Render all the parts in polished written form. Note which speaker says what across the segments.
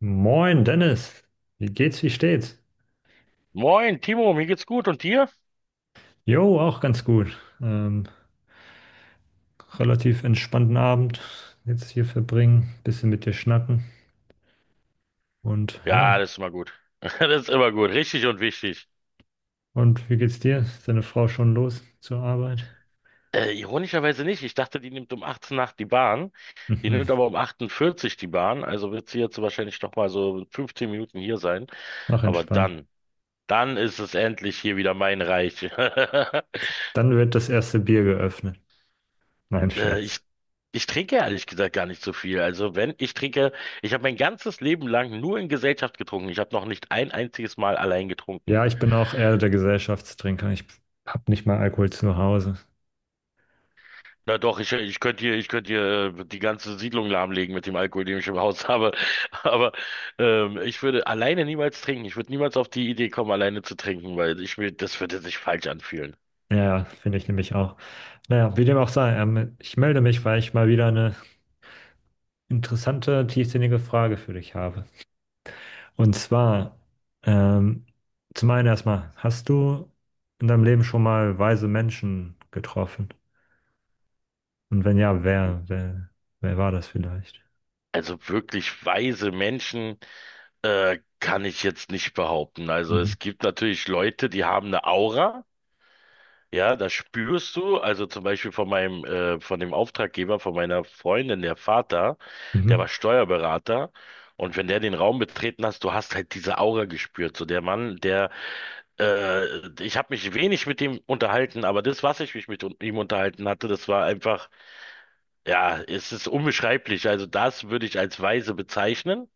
Speaker 1: Moin Dennis, wie geht's, wie steht's?
Speaker 2: Moin, Timo, mir geht's gut und dir?
Speaker 1: Jo, auch ganz gut. Relativ entspannten Abend jetzt hier verbringen, bisschen mit dir schnacken und ja.
Speaker 2: Ja, das ist immer gut. Das ist immer gut, richtig und wichtig.
Speaker 1: Und wie geht's dir? Ist deine Frau schon los zur Arbeit?
Speaker 2: Ironischerweise nicht. Ich dachte, die nimmt um 18 nach die Bahn. Die
Speaker 1: Mhm,
Speaker 2: nimmt aber um 48 die Bahn. Also wird sie jetzt wahrscheinlich noch mal so 15 Minuten hier sein.
Speaker 1: mach
Speaker 2: Aber
Speaker 1: entspannt.
Speaker 2: dann, dann ist es endlich hier wieder mein Reich.
Speaker 1: Dann wird das erste Bier geöffnet. Nein,
Speaker 2: Äh, ich,
Speaker 1: Scherz.
Speaker 2: ich trinke ehrlich gesagt gar nicht so viel. Also wenn ich trinke, ich habe mein ganzes Leben lang nur in Gesellschaft getrunken. Ich habe noch nicht ein einziges Mal allein getrunken.
Speaker 1: Ja, ich bin auch eher der Gesellschaftstrinker. Ich hab nicht mal Alkohol zu Hause.
Speaker 2: Na doch, ich könnte hier die ganze Siedlung lahmlegen mit dem Alkohol, den ich im Haus habe. Aber ich würde alleine niemals trinken. Ich würde niemals auf die Idee kommen, alleine zu trinken, weil ich mir, das würde sich falsch anfühlen.
Speaker 1: Ja, ja, finde ich nämlich auch. Naja, wie dem auch sei, ich melde mich, weil ich mal wieder eine interessante, tiefsinnige Frage für dich habe. Und zwar, ähm, zum einen erstmal, hast du in deinem Leben schon mal weise Menschen getroffen? Und wenn ja, wer war das vielleicht?
Speaker 2: Also wirklich weise Menschen kann ich jetzt nicht behaupten. Also
Speaker 1: Mhm.
Speaker 2: es gibt natürlich Leute, die haben eine Aura. Ja, das spürst du. Also zum Beispiel von von dem Auftraggeber, von meiner Freundin, der Vater, der
Speaker 1: Mhm.
Speaker 2: war Steuerberater. Und wenn der den Raum betreten hast, du hast halt diese Aura gespürt. So der Mann, ich habe mich wenig mit ihm unterhalten, aber das, was ich mich mit ihm unterhalten hatte, das war einfach, ja, es ist unbeschreiblich. Also das würde ich als weise bezeichnen.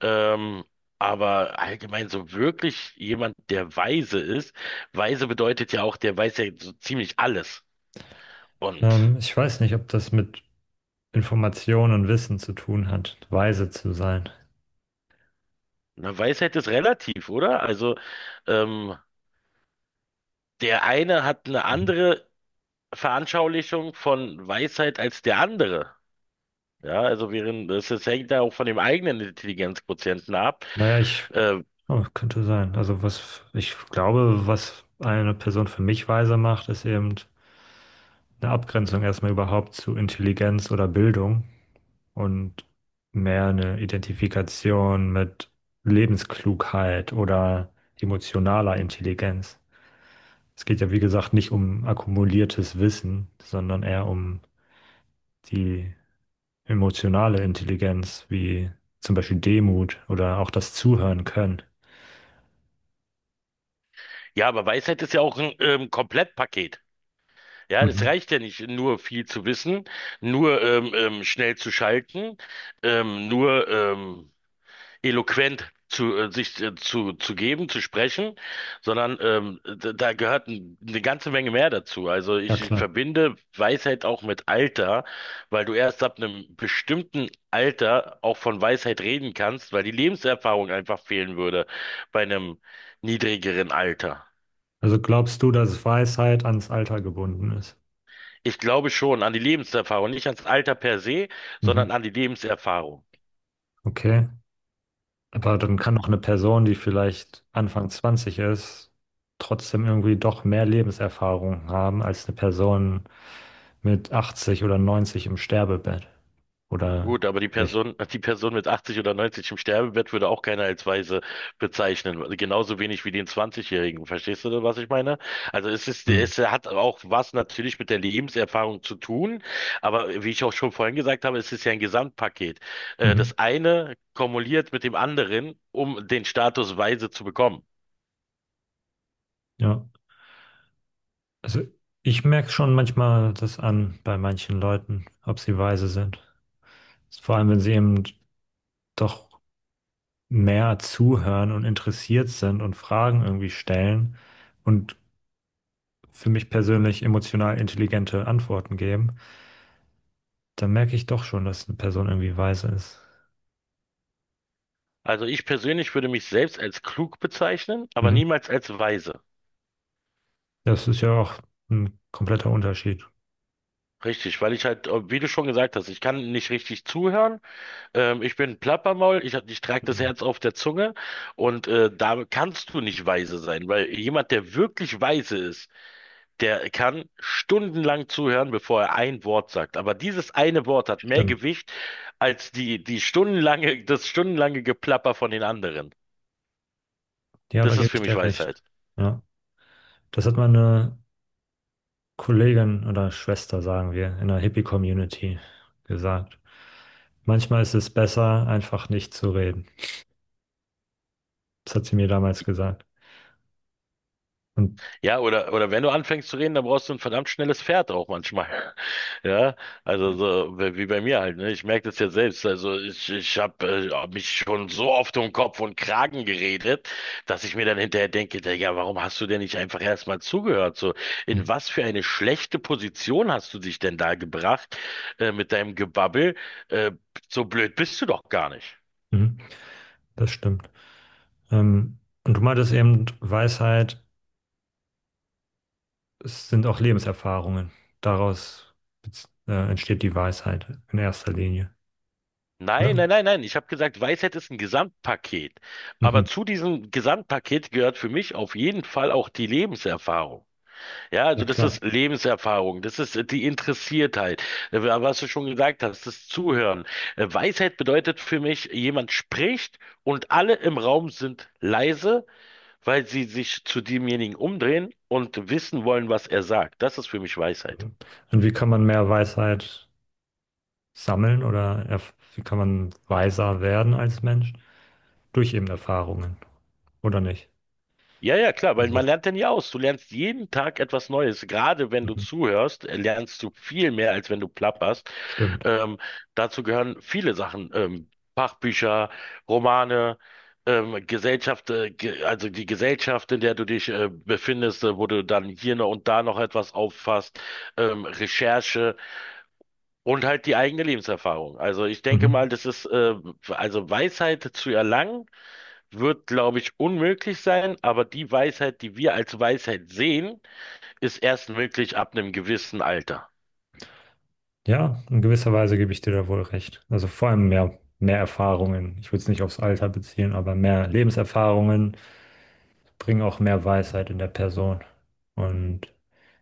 Speaker 2: Ähm, aber allgemein so wirklich jemand, der weise ist. Weise bedeutet ja auch, der weiß ja so ziemlich alles. Und
Speaker 1: Ich weiß nicht, ob das mit Informationen und Wissen zu tun hat, weise zu sein.
Speaker 2: eine Weisheit ist relativ, oder? Also ähm, der eine hat eine
Speaker 1: Mhm.
Speaker 2: andere Veranschaulichung von Weisheit als der andere. Ja, also während das, das hängt ja auch von dem eigenen Intelligenzquotienten ab.
Speaker 1: Naja, ich,
Speaker 2: Ähm,
Speaker 1: oh, könnte sein. Also was, ich glaube, was eine Person für mich weise macht, ist eben eine Abgrenzung erstmal überhaupt zu Intelligenz oder Bildung, und mehr eine Identifikation mit Lebensklugheit oder emotionaler Intelligenz. Es geht ja, wie gesagt, nicht um akkumuliertes Wissen, sondern eher um die emotionale Intelligenz, wie zum Beispiel Demut oder auch das Zuhören können.
Speaker 2: ja, aber Weisheit ist ja auch ein Komplettpaket. Ja, das
Speaker 1: Mhm.
Speaker 2: reicht ja nicht, nur viel zu wissen, nur schnell zu schalten, nur eloquent zu sich zu geben, zu sprechen, sondern da gehört eine ganze Menge mehr dazu. Also
Speaker 1: Ja,
Speaker 2: ich, ich
Speaker 1: klar.
Speaker 2: verbinde Weisheit auch mit Alter, weil du erst ab einem bestimmten Alter auch von Weisheit reden kannst, weil die Lebenserfahrung einfach fehlen würde bei einem niedrigeren Alter.
Speaker 1: Also glaubst du, dass Weisheit ans Alter gebunden ist?
Speaker 2: Ich glaube schon an die Lebenserfahrung, nicht ans Alter per se,
Speaker 1: Mhm.
Speaker 2: sondern an die Lebenserfahrung.
Speaker 1: Okay. Aber dann kann doch eine Person, die vielleicht Anfang 20 ist, trotzdem irgendwie doch mehr Lebenserfahrung haben als eine Person mit 80 oder 90 im Sterbebett. Oder
Speaker 2: Gut, aber die
Speaker 1: nicht?
Speaker 2: Person, die Person mit 80 oder 90 im Sterbebett würde auch keiner als weise bezeichnen. Genauso wenig wie den 20-Jährigen. Verstehst du, was ich meine? Also es ist,
Speaker 1: Hm.
Speaker 2: es hat auch was natürlich mit der Lebenserfahrung zu tun. Aber wie ich auch schon vorhin gesagt habe, es ist ja ein Gesamtpaket.
Speaker 1: Mhm.
Speaker 2: Das eine kumuliert mit dem anderen, um den Status weise zu bekommen.
Speaker 1: Ja. Also ich merke schon manchmal das an bei manchen Leuten, ob sie weise sind. Vor allem, wenn sie eben doch mehr zuhören und interessiert sind und Fragen irgendwie stellen und für mich persönlich emotional intelligente Antworten geben. Da merke ich doch schon, dass eine Person irgendwie weise ist.
Speaker 2: Also ich persönlich würde mich selbst als klug bezeichnen, aber
Speaker 1: Mhm.
Speaker 2: niemals als weise.
Speaker 1: Das ist ja auch ein kompletter Unterschied.
Speaker 2: Richtig, weil ich halt, wie du schon gesagt hast, ich kann nicht richtig zuhören. Ich bin Plappermaul, ich trage das
Speaker 1: Mhm.
Speaker 2: Herz auf der Zunge und da kannst du nicht weise sein, weil jemand, der wirklich weise ist, der kann stundenlang zuhören, bevor er ein Wort sagt. Aber dieses eine Wort hat mehr
Speaker 1: Stimmt.
Speaker 2: Gewicht als die stundenlange Geplapper von den anderen.
Speaker 1: Ja, da
Speaker 2: Das ist
Speaker 1: gebe
Speaker 2: für
Speaker 1: ich
Speaker 2: mich
Speaker 1: dir recht.
Speaker 2: Weisheit.
Speaker 1: Ja. Das hat meine Kollegin oder Schwester, sagen wir, in der Hippie-Community gesagt. Manchmal ist es besser, einfach nicht zu reden. Das hat sie mir damals gesagt. Und
Speaker 2: Ja, oder wenn du anfängst zu reden, dann brauchst du ein verdammt schnelles Pferd auch manchmal. Ja, also so wie bei mir halt, ne? Ich merke das ja selbst. Also ich habe mich schon so oft um Kopf und Kragen geredet, dass ich mir dann hinterher denke, ja, warum hast du denn nicht einfach erstmal zugehört? So, in was für eine schlechte Position hast du dich denn da gebracht mit deinem Gebabbel? Äh, so blöd bist du doch gar nicht.
Speaker 1: mhm, das stimmt. Ähm, und du meintest eben, Weisheit, es sind auch Lebenserfahrungen. Daraus entsteht die Weisheit in erster Linie, oder?
Speaker 2: Nein, nein, nein, nein. Ich habe gesagt, Weisheit ist ein Gesamtpaket. Aber
Speaker 1: Mhm.
Speaker 2: zu diesem Gesamtpaket gehört für mich auf jeden Fall auch die Lebenserfahrung. Ja,
Speaker 1: Ja,
Speaker 2: also das
Speaker 1: klar.
Speaker 2: ist Lebenserfahrung, das ist die Interessiertheit, was du schon gesagt hast, das Zuhören. Weisheit bedeutet für mich, jemand spricht und alle im Raum sind leise, weil sie sich zu demjenigen umdrehen und wissen wollen, was er sagt. Das ist für mich Weisheit.
Speaker 1: Mhm. Und wie kann man mehr Weisheit sammeln oder wie kann man weiser werden als Mensch? Durch eben Erfahrungen, oder nicht?
Speaker 2: Ja, ja, klar, weil man
Speaker 1: Also,
Speaker 2: lernt ja nie aus. Du lernst jeden Tag etwas Neues. Gerade wenn du
Speaker 1: mhm.
Speaker 2: zuhörst, lernst du viel mehr, als wenn du plapperst.
Speaker 1: Stimmt.
Speaker 2: Ähm, Dazu gehören viele Sachen, Fachbücher, Romane, Gesellschaft, ge also die Gesellschaft, in der du dich befindest, wo du dann hier noch und da noch etwas auffasst, Recherche und halt die eigene Lebenserfahrung. Also ich denke
Speaker 1: Mhm.
Speaker 2: mal, das ist also Weisheit zu erlangen wird, glaube ich, unmöglich sein, aber die Weisheit, die wir als Weisheit sehen, ist erst möglich ab einem gewissen Alter.
Speaker 1: Ja, in gewisser Weise gebe ich dir da wohl recht. Also vor allem mehr Erfahrungen. Ich würde es nicht aufs Alter beziehen, aber mehr Lebenserfahrungen bringen auch mehr Weisheit in der Person. Und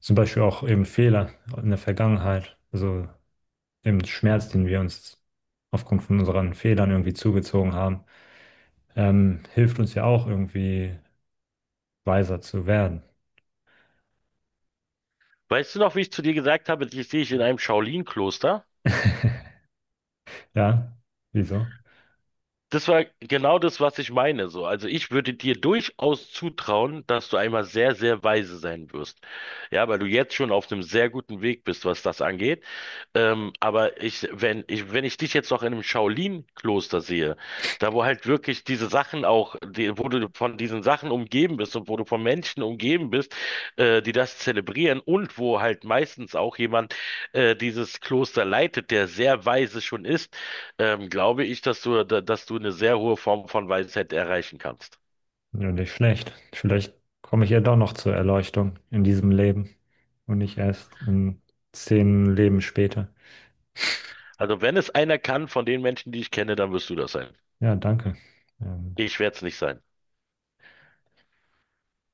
Speaker 1: zum Beispiel auch eben Fehler in der Vergangenheit. Also dem Schmerz, den wir uns aufgrund von unseren Fehlern irgendwie zugezogen haben, hilft uns ja auch irgendwie weiser zu werden.
Speaker 2: Weißt du noch, wie ich zu dir gesagt habe, dich sehe ich in einem Shaolin-Kloster?
Speaker 1: Ja, wieso?
Speaker 2: Das war genau das, was ich meine, so. Also ich würde dir durchaus zutrauen, dass du einmal sehr, sehr weise sein wirst. Ja, weil du jetzt schon auf einem sehr guten Weg bist, was das angeht. Aber wenn ich dich jetzt noch in einem Shaolin-Kloster sehe, da wo halt wirklich diese Sachen auch, wo du von diesen Sachen umgeben bist und wo du von Menschen umgeben bist, die das zelebrieren und wo halt meistens auch jemand dieses Kloster leitet, der sehr weise schon ist, glaube ich, dass du eine sehr hohe Form von Weisheit erreichen kannst.
Speaker 1: Ja, nicht schlecht. Vielleicht komme ich ja doch noch zur Erleuchtung in diesem Leben und nicht erst in 10 Leben später.
Speaker 2: Also wenn es einer kann von den Menschen, die ich kenne, dann wirst du das sein.
Speaker 1: Ja, danke. Ähm,
Speaker 2: Ich werde es nicht sein.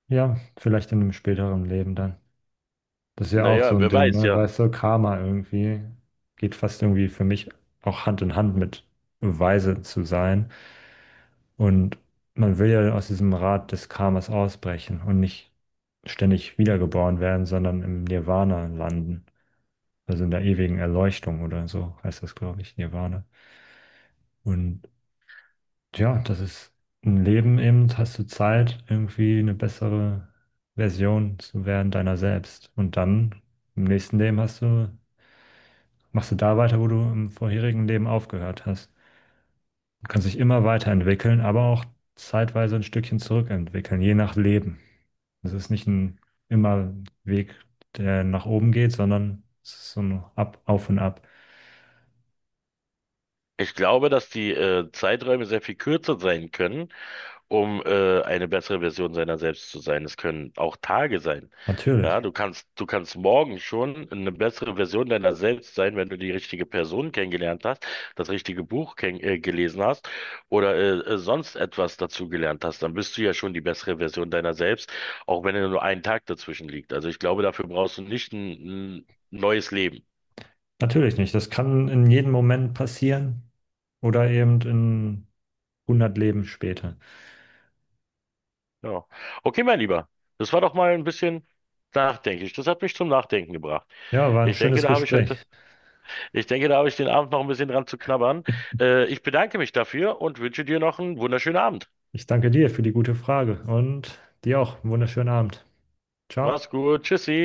Speaker 1: ja, vielleicht in einem späteren Leben dann. Das ist ja auch so
Speaker 2: Naja,
Speaker 1: ein
Speaker 2: wer
Speaker 1: Ding,
Speaker 2: weiß,
Speaker 1: ne?
Speaker 2: ja.
Speaker 1: Weißt du, Karma irgendwie geht fast irgendwie für mich auch Hand in Hand mit weise zu sein. Und man will ja aus diesem Rad des Karmas ausbrechen und nicht ständig wiedergeboren werden, sondern im Nirvana landen. Also in der ewigen Erleuchtung oder so heißt das, glaube ich, Nirvana. Und ja, das ist ein Leben eben, hast du Zeit, irgendwie eine bessere Version zu werden deiner selbst. Und dann im nächsten Leben machst du da weiter, wo du im vorherigen Leben aufgehört hast. Du kannst dich immer weiterentwickeln, aber auch zeitweise ein Stückchen zurückentwickeln, je nach Leben. Also es ist nicht ein immer Weg, der nach oben geht, sondern es ist so ein Ab, auf und ab.
Speaker 2: Ich glaube, dass die Zeiträume sehr viel kürzer sein können um eine bessere Version seiner selbst zu sein. Es können auch Tage sein. Ja,
Speaker 1: Natürlich,
Speaker 2: du kannst morgen schon eine bessere Version deiner selbst sein, wenn du die richtige Person kennengelernt hast, das richtige Buch ken gelesen hast oder sonst etwas dazu gelernt hast. Dann bist du ja schon die bessere Version deiner selbst, auch wenn nur ein Tag dazwischen liegt. Also ich glaube, dafür brauchst du nicht ein neues Leben.
Speaker 1: natürlich nicht. Das kann in jedem Moment passieren oder eben in 100 Leben später.
Speaker 2: Ja. Okay, mein Lieber, das war doch mal ein bisschen nachdenklich. Das hat mich zum Nachdenken gebracht.
Speaker 1: Ja, war ein
Speaker 2: Ich denke,
Speaker 1: schönes
Speaker 2: da habe ich heute
Speaker 1: Gespräch.
Speaker 2: Ich denke, da habe ich den Abend noch ein bisschen dran zu knabbern. Ich bedanke mich dafür und wünsche dir noch einen wunderschönen Abend.
Speaker 1: Ich danke dir für die gute Frage und dir auch einen wunderschönen Abend.
Speaker 2: Mach's
Speaker 1: Ciao.
Speaker 2: gut. Tschüssi.